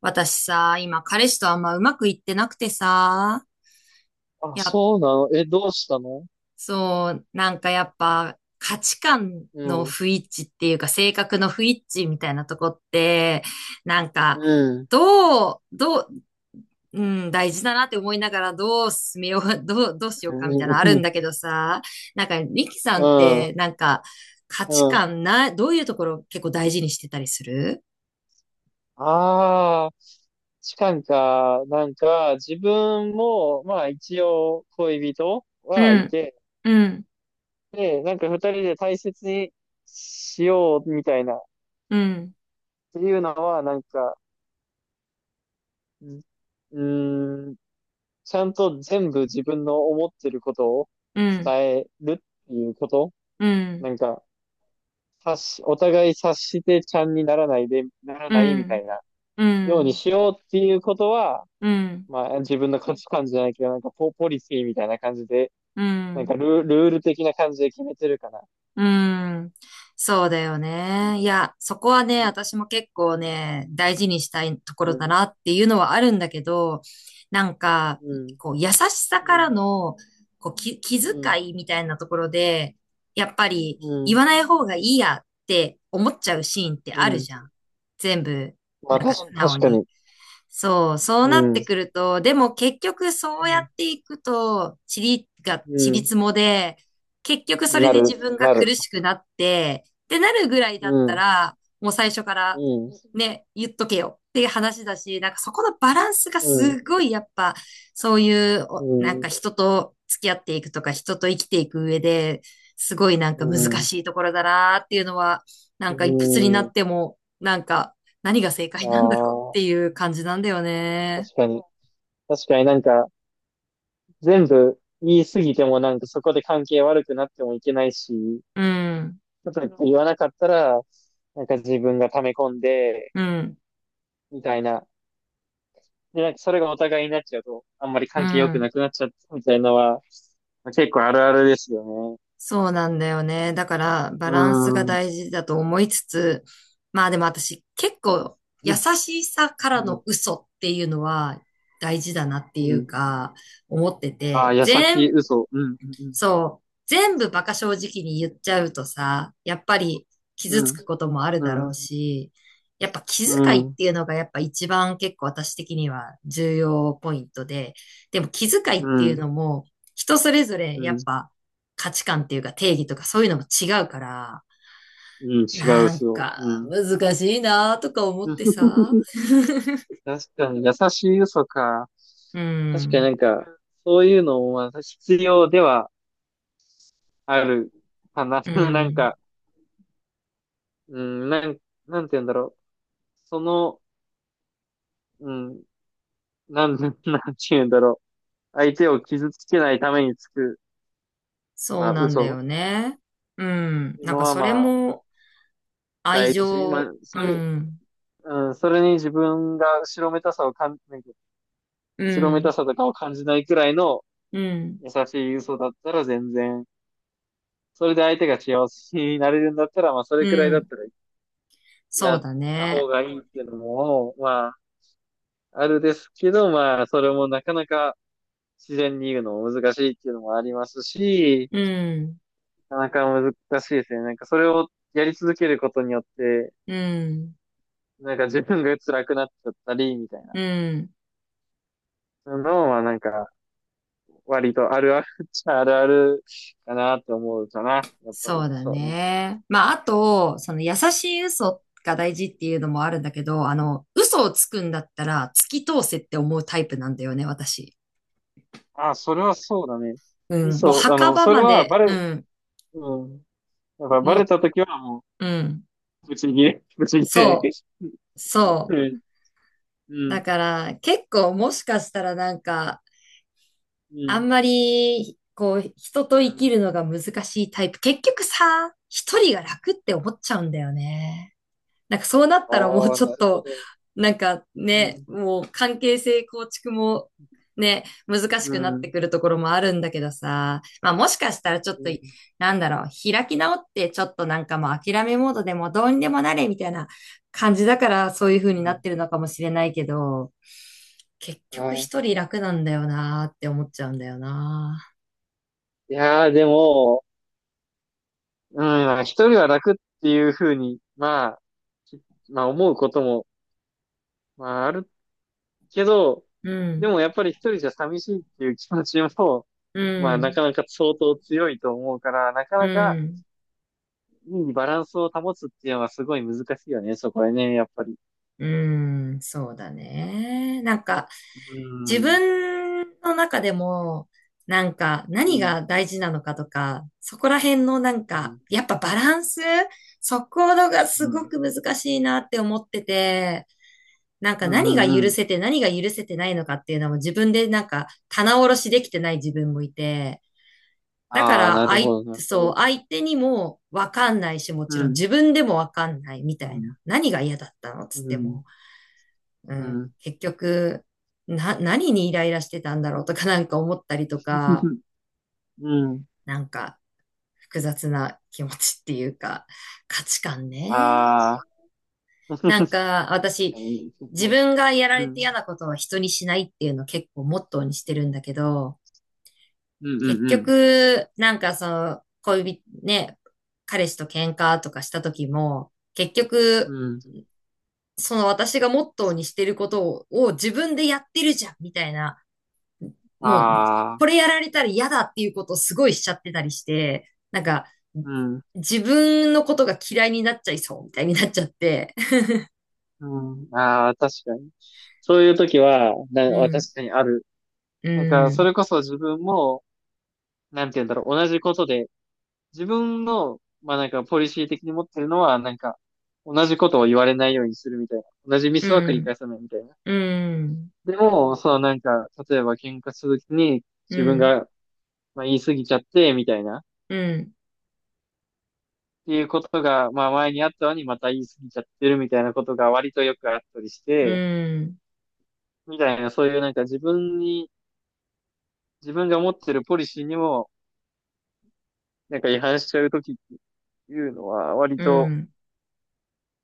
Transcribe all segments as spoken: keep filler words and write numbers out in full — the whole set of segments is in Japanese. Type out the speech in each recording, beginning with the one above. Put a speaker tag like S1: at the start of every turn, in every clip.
S1: 私さ、今彼氏とあんまうまくいってなくてさ、
S2: あ、
S1: やっ、
S2: そうなの。え、どうしたの？
S1: そう、なんかやっぱ価値観
S2: う
S1: の
S2: ん、
S1: 不一致っていうか性格の不一致みたいなとこって、なん
S2: う
S1: か、
S2: ん、
S1: どう、どう、うん、大事だなって思いながらどう進めよう、どう、どうしよ
S2: う
S1: うかみたいなのあるん
S2: ん、
S1: だけどさ、なんかリキさんっ
S2: う
S1: て
S2: ん、
S1: なんか価
S2: う
S1: 値
S2: ん。
S1: 観な、どういうところ結構大事にしてたりする？
S2: ああ、痴漢か、なんか、自分も、まあ一応恋人は
S1: う
S2: い
S1: ん、
S2: て、
S1: うん、
S2: で、なんか二人で大切にしようみたいな、っ
S1: うん、
S2: ていうのは、なんか、うん、うーんちゃんと全部自分の思ってることを
S1: うん、
S2: 伝えるっていうこと、
S1: うん、
S2: なんか、察し、お互い察してちゃんにならないで、なら
S1: う
S2: ないみた
S1: ん。
S2: いな、
S1: う
S2: ように
S1: ん、
S2: しようっていうことは、
S1: うん、
S2: まあ自分の価値観じゃないけど、なんかポ、ポリシーみたいな感じで、
S1: う
S2: なんか
S1: ん。
S2: ルー、ルール的な感じで決めてるかな。
S1: うん。そうだよね。いや、そこはね、私も結構ね、大事にしたいとこ
S2: う
S1: ろだ
S2: ん、
S1: なっていうのはあるんだけど、なんか、
S2: うん、
S1: こう、優しさか
S2: う
S1: ら
S2: ん、
S1: の、こう、き、気
S2: うん、
S1: 遣いみたいなところで、やっぱり
S2: う
S1: 言
S2: ん、
S1: わない方がいいやって思っちゃうシーンって
S2: う
S1: ある
S2: ん。
S1: じゃん。全部、
S2: まあ
S1: なんか
S2: 確か、
S1: 素直
S2: 確か
S1: に。
S2: に。
S1: そう、そう
S2: う
S1: なっ
S2: ん、う
S1: てくると、でも結局そうやっ
S2: ん、
S1: ていくと、塵が、塵
S2: う
S1: もで、結局そ
S2: ん。
S1: れ
S2: な
S1: で
S2: る、
S1: 自分が
S2: なる。
S1: 苦しくなって、ってなるぐらいだ
S2: う
S1: った
S2: ん、
S1: ら、もう最初から
S2: うん、
S1: ね、言っとけよっていう話だし、なんかそこのバランスが
S2: うん、
S1: すごいやっぱ、そういう
S2: う
S1: お、なんか
S2: ん、
S1: 人と付き合っていくとか、人と生きていく上で、すごいなん
S2: う
S1: か難
S2: ん、
S1: しいところだなっていうのは、な
S2: う
S1: んかいくつになっ
S2: ん。
S1: ても、なんか何が正解なんだろうっ
S2: あ
S1: ていう感じなんだよ
S2: あ、
S1: ね。
S2: 確かに。確かになんか、全部言い過ぎてもなんかそこで関係悪くなってもいけないし、
S1: うん、
S2: ちょっとか言わなかったら、なんか自分が溜め込んで、
S1: うん、
S2: みたいな。で、なんかそれがお互いになっちゃうと、あんまり
S1: う
S2: 関係良く
S1: ん。
S2: なくなっちゃったみたいなのは、結構あるあるですよね。
S1: そうなんだよね。だから、バ
S2: う
S1: ランスが
S2: ーん。
S1: 大事だと思いつつ、まあでも私、結構、優
S2: うん。
S1: しさか
S2: う
S1: ら
S2: ん。
S1: の嘘っていうのは大事だなって
S2: う
S1: いう
S2: ん。
S1: か、思って
S2: ああ、
S1: て、
S2: 矢先
S1: 全、
S2: 嘘。うん。う
S1: そう。全部バカ正直に言っちゃうとさ、やっぱり傷つ
S2: ん。
S1: くこともある
S2: う
S1: だろう
S2: ん。
S1: し、やっぱ気
S2: う
S1: 遣いっ
S2: ん。うん。
S1: ていうのがやっぱ一番結構私的には重要ポイントで、でも気遣い
S2: う
S1: っていうの
S2: ん。
S1: も人それぞれ
S2: う
S1: やっ
S2: ん。
S1: ぱ価値観っていうか定義とかそういうのも違うから、
S2: うん。違う
S1: なん
S2: 嘘。
S1: か
S2: うん。
S1: 難しいなとか思って さ。
S2: 確かに、優しい嘘か。
S1: う
S2: 確かにな
S1: ん、
S2: んか、そういうのもまあ必要ではあるかな。
S1: う
S2: なん
S1: ん、
S2: か、うん、なん、なんて言うんだろう。その、うん、なん、なんて言うんだろう。相手を傷つけないためにつく、
S1: そ
S2: ま
S1: う
S2: あ、
S1: なんだ
S2: 嘘
S1: よ
S2: っ
S1: ね。うん、
S2: ていう
S1: なん
S2: の
S1: か
S2: は、
S1: それ
S2: まあ、
S1: も愛
S2: 大事。まあ、
S1: 情、
S2: そ
S1: う
S2: れ、
S1: ん、
S2: うん、それに自分が後ろめたさをかん、なんか、
S1: う
S2: 後ろめた
S1: ん、
S2: さとかを感じないくらいの
S1: うん、
S2: 優しい嘘だったら全然、それで相手が幸せになれるんだったら、まあ、そ
S1: う
S2: れくらいだっ
S1: ん。
S2: たら
S1: そ
S2: や
S1: う
S2: っ
S1: だ
S2: た方
S1: ね。
S2: がいいっていうのも、まあ、あるですけど、まあ、それもなかなか、自然に言うのも難しいっていうのもありますし、
S1: うん、
S2: なかなか難しいですね。なんかそれをやり続けることによって、
S1: うん、
S2: なんか自分が辛くなっちゃったり、みたいな
S1: うん。
S2: のはなんか割とあるあるっちゃあるあるかなって思うかな。やっぱり。
S1: そうだ
S2: そうね。
S1: ね。まあ、あと、その優しい嘘が大事っていうのもあるんだけど、あの、嘘をつくんだったら突き通せって思うタイプなんだよね、私。
S2: あ、それはそうだね。
S1: うん。もう
S2: そう、あ
S1: 墓
S2: の、
S1: 場
S2: それ
S1: ま
S2: は
S1: で、
S2: バ
S1: う
S2: レ、
S1: ん。
S2: うん。やっぱバレ
S1: も
S2: たときはも
S1: う、うん。
S2: う、ぶち切れ、ぶち切れ。
S1: そう、そう。
S2: うん、う
S1: だ
S2: ん、
S1: から、結構もしかしたらなんか、
S2: う
S1: あ
S2: ん。
S1: んまり、こう、人と
S2: う
S1: 生き
S2: ん。
S1: るのが難しいタイプ。結局さ、一人が楽って思っちゃうんだよね。なんかそうなっ
S2: あ
S1: たらもう
S2: あ、
S1: ちょっ
S2: なるほ
S1: と、
S2: ど。
S1: なんか
S2: う
S1: ね、
S2: ん、
S1: もう関係性構築もね、難し
S2: う
S1: くなって
S2: ん。
S1: くるところもあるんだけどさ、まあもしかしたらちょっ
S2: う
S1: と、
S2: ん。
S1: なんだろう、開き直ってちょっとなんかもう諦めモードでもどうにでもなれみたいな感じだからそういう
S2: う
S1: 風にな
S2: ん。
S1: ってるのかもしれないけど、結
S2: あ
S1: 局
S2: ー、
S1: 一人楽なんだよなーって思っちゃうんだよな。
S2: いやー、でも、うん、まあ一人は楽っていうふうに、まあ、きまあ思うことも、まああるけど、
S1: う
S2: で
S1: ん、
S2: もやっぱり一人じゃ寂しいっていう気持ちも、
S1: う
S2: まあな
S1: ん、
S2: かなか相当強いと思うから、なか
S1: う
S2: なか
S1: ん、
S2: いいバランスを保つっていうのはすごい難しいよね、そこはね、やっぱり。
S1: うん、そうだね。なんか、
S2: う
S1: 自
S2: ん、
S1: 分の中でも、なんか、
S2: う
S1: 何
S2: ん、
S1: が大事なのかとか、そこら辺のなん
S2: う
S1: か、
S2: ん、
S1: やっぱバランス、そこのが
S2: う
S1: すご
S2: ん、
S1: く難しいなって思ってて、なんか
S2: う
S1: 何が
S2: ん、うん。う
S1: 許
S2: ん。
S1: せて何が許せてないのかっていうのも自分でなんか棚卸しできてない自分もいて、だか
S2: ああ、な
S1: ら、あ
S2: る
S1: い、
S2: ほど、なるほ
S1: そ
S2: ど。
S1: う、相手にもわかんないし、も
S2: う
S1: ちろん自
S2: ん、
S1: 分でもわかんないみた
S2: う
S1: いな。
S2: ん、
S1: 何が嫌だったの
S2: う
S1: つって
S2: ん、
S1: も、う
S2: う
S1: ん、
S2: ん、
S1: 結局、な、何にイライラしてたんだろうとかなんか思ったりとか、
S2: うん。
S1: なんか複雑な気持ちっていうか、価値観ね。
S2: ああ。
S1: なん
S2: 確
S1: か、私、
S2: かに、そ
S1: 自
S2: こ、
S1: 分がやら
S2: う
S1: れ
S2: ん、
S1: て嫌なことは人にしないっていうのを結構モットーにしてるんだけど、
S2: うん、
S1: 結
S2: うん、
S1: 局、なんかその、恋人、ね、彼氏と喧嘩とかした時も、結
S2: う
S1: 局、
S2: ん。うん。
S1: その私がモットーにしてることを、を、自分でやってるじゃん、みたいな、もう、
S2: ああ、
S1: これやられたら嫌だっていうことをすごいしちゃってたりして、なんか、
S2: うん、
S1: 自分のことが嫌いになっちゃいそう、みたいになっちゃって。
S2: うん。ああ、確かに。そういう時は、な、
S1: う
S2: 確
S1: ん、
S2: かにある。
S1: う
S2: なんか、そ
S1: ん、
S2: れこそ自分も、なんて言うんだろう、同じことで、自分の、まあなんか、ポリシー的に持ってるのは、なんか、同じことを言われないようにするみたいな。同じミ
S1: う
S2: スは繰り
S1: ん、
S2: 返さないみたいな。
S1: うん、
S2: でも、そのなんか、例えば喧嘩するときに、
S1: う
S2: 自分
S1: ん、
S2: が、まあ言い過ぎちゃって、みたいな。
S1: うん、
S2: っていうことが、まあ前にあったのにまた言い過ぎちゃってるみたいなことが割とよくあったりし
S1: う
S2: て、
S1: ん、
S2: みたいなそういうなんか自分に、自分が持ってるポリシーにもなんか違反しちゃうときっていうのは割
S1: う
S2: と
S1: ん。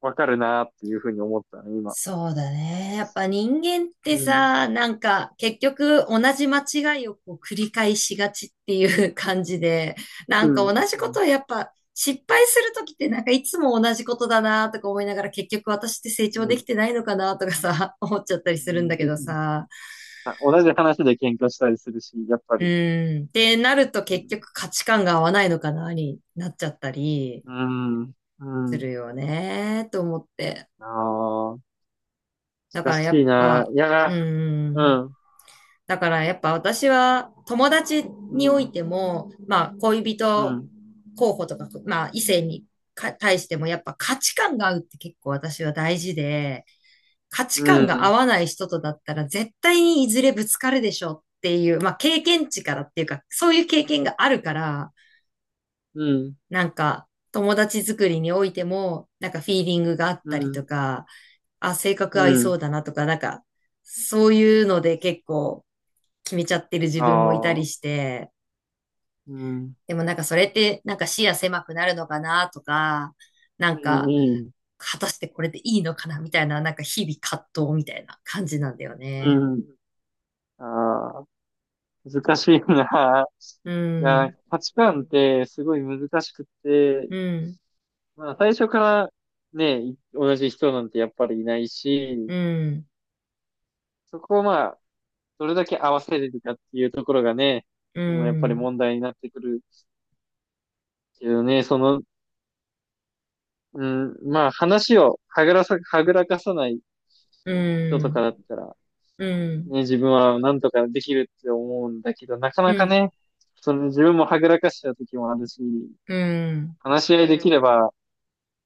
S2: わかるなっていうふうに思ったね、今。
S1: そうだね。やっぱ人間って
S2: うん。
S1: さ、なんか結局同じ間違いをこう繰り返しがちっていう 感じで、な
S2: う
S1: んか同
S2: ん。
S1: じ
S2: う
S1: こ
S2: ん。
S1: とをやっぱ失敗するときってなんかいつも同じことだなとか思いながら結局私って成
S2: う
S1: 長でき
S2: ん。
S1: てないのかなとかさ、思っちゃったり
S2: う
S1: するんだ
S2: ん。
S1: けどさ。
S2: あ、 同じ話で喧嘩したりするし、やっぱ
S1: う
S2: り。
S1: ん。ってなると
S2: う
S1: 結
S2: ん。
S1: 局価値観が合わないのかなになっちゃったり
S2: うん。う
S1: す
S2: ん。
S1: るよね、と思って。
S2: ああ、
S1: だ
S2: 難
S1: からやっ
S2: しいな。
S1: ぱ、
S2: いや
S1: う
S2: ー、う
S1: ん。
S2: ん。
S1: だからやっぱ私は友達
S2: う
S1: におい
S2: ん。
S1: ても、まあ恋
S2: う
S1: 人
S2: ん。
S1: 候補とか、まあ異性にか対してもやっぱ価値観が合うって結構私は大事で、価
S2: う
S1: 値観が合
S2: ん。
S1: わない人とだったら絶対にいずれぶつかるでしょっていう、まあ経験値からっていうか、そういう経験があるから、
S2: うん。
S1: なんか友達作りにおいても、なんかフィーリングがあっ
S2: う
S1: たりと
S2: ん。
S1: か、あ、性格
S2: う
S1: 合いそ
S2: ん。
S1: うだなとか、なんか、そういうので結構決めちゃってる自分もいた
S2: あ
S1: り
S2: あ。
S1: して、
S2: うん。
S1: でもなんかそれってなんか視野狭くなるのかなとか、なん
S2: う
S1: か
S2: ん。
S1: 果たしてこれでいいのかなみたいな、なんか日々葛藤みたいな感じなんだよね。
S2: うん。ああ。難しいな。
S1: う
S2: いや、
S1: ん、
S2: 価値観ってすごい難しくって、
S1: うん、
S2: まあ最初からね、い同じ人なんてやっぱりいない
S1: う
S2: し、
S1: ん、
S2: そこをまあ、どれだけ合わせれるかっていうところがね、
S1: う
S2: そのやっぱり
S1: ん、
S2: 問題になってくるけどね、その、うん、まあ話をはぐらさ、はぐらかさない
S1: う
S2: 人とかだっ
S1: ん、
S2: たら、
S1: うん、
S2: ね、自分はなんとかできるって思うんだけど、なか
S1: う
S2: なか
S1: ん、
S2: ね、その自分もはぐらかした時もあるし、
S1: うん。
S2: 話し合いできれば、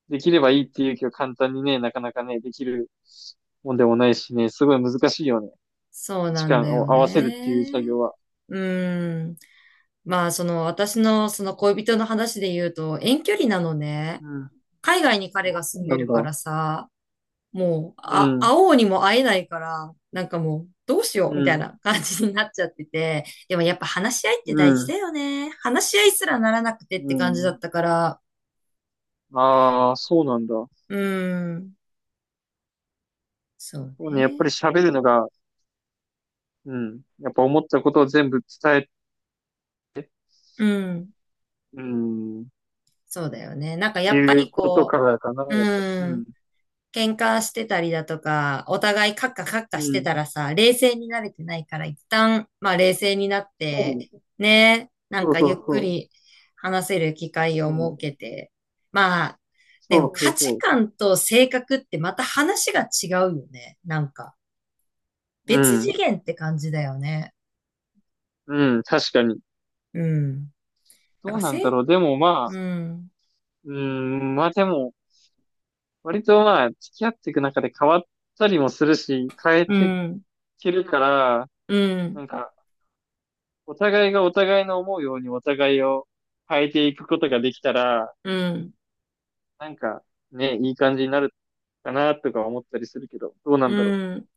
S2: できればいいっていう気を簡単にね、なかなかね、できるもんでもないしね、すごい難しいよね。
S1: そう
S2: 時
S1: なん
S2: 間
S1: だよ
S2: を合わせるっていう
S1: ね。
S2: 作業は。
S1: うん。まあ、その私のその恋人の話で言うと遠距離なのね。
S2: うん。あ、
S1: 海外に彼
S2: そ
S1: が住ん
S2: うな
S1: で
S2: ん
S1: る
S2: だ。
S1: からさ、もう、
S2: う
S1: あ、会
S2: ん。
S1: おうにも会えないから、なんかもう、どうしよ
S2: う
S1: うみたい
S2: ん。
S1: な感じになっちゃってて。でもやっぱ話し合いって
S2: う
S1: 大事だ
S2: ん。
S1: よね。話し合いすらならなくてっ
S2: う
S1: て感じだ
S2: ん。
S1: ったから。
S2: ああ、そうなんだ。
S1: うん。そう
S2: そうね、やっぱり
S1: ね。
S2: 喋るのが、うん。やっぱ思ったことを全部伝え、
S1: うん。
S2: うん。
S1: そうだよね。なんかや
S2: い
S1: っぱ
S2: う
S1: り
S2: こと
S1: こ
S2: からかな、
S1: う、
S2: やっぱり。
S1: う
S2: う
S1: ん。
S2: ん。
S1: 喧嘩してたりだとか、お互いカッカカッカ
S2: う
S1: して
S2: ん。
S1: たらさ、冷静になれてないから、一旦、まあ冷静になって、
S2: そう。
S1: ね、なん
S2: そう
S1: か
S2: そ
S1: ゆっ
S2: う
S1: く
S2: そ
S1: り話せる機会を
S2: う。う
S1: 設
S2: ん。
S1: けて、まあ、
S2: そ
S1: でも
S2: うそ
S1: 価
S2: うそ
S1: 値
S2: う。
S1: 観と性格ってまた話が違うよね。なんか、
S2: う
S1: 別次
S2: ん。
S1: 元って感じだよね。
S2: うん。確かに。
S1: うん。な
S2: ど
S1: んか、
S2: うなんだ
S1: せ、
S2: ろう。でもまあ、
S1: うん、
S2: うん。まあでも、割とまあ、付き合っていく中で変わったりもするし、変え
S1: う
S2: てい
S1: ん、
S2: けるから、
S1: うん、
S2: なんか、お互いがお互いの思うようにお互いを変えていくことができたら、
S1: うん。
S2: なんか、ね、いい感じになるかなとか思ったりするけど、どうなんだろ
S1: うん。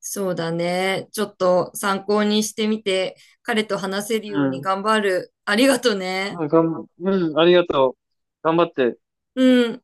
S1: そうだね。ちょっと参考にしてみて、彼と話せるよう
S2: う。
S1: に
S2: うん。
S1: 頑張る。ありがとね。
S2: まあ、がん、うん。ありがとう。頑張って。
S1: うん。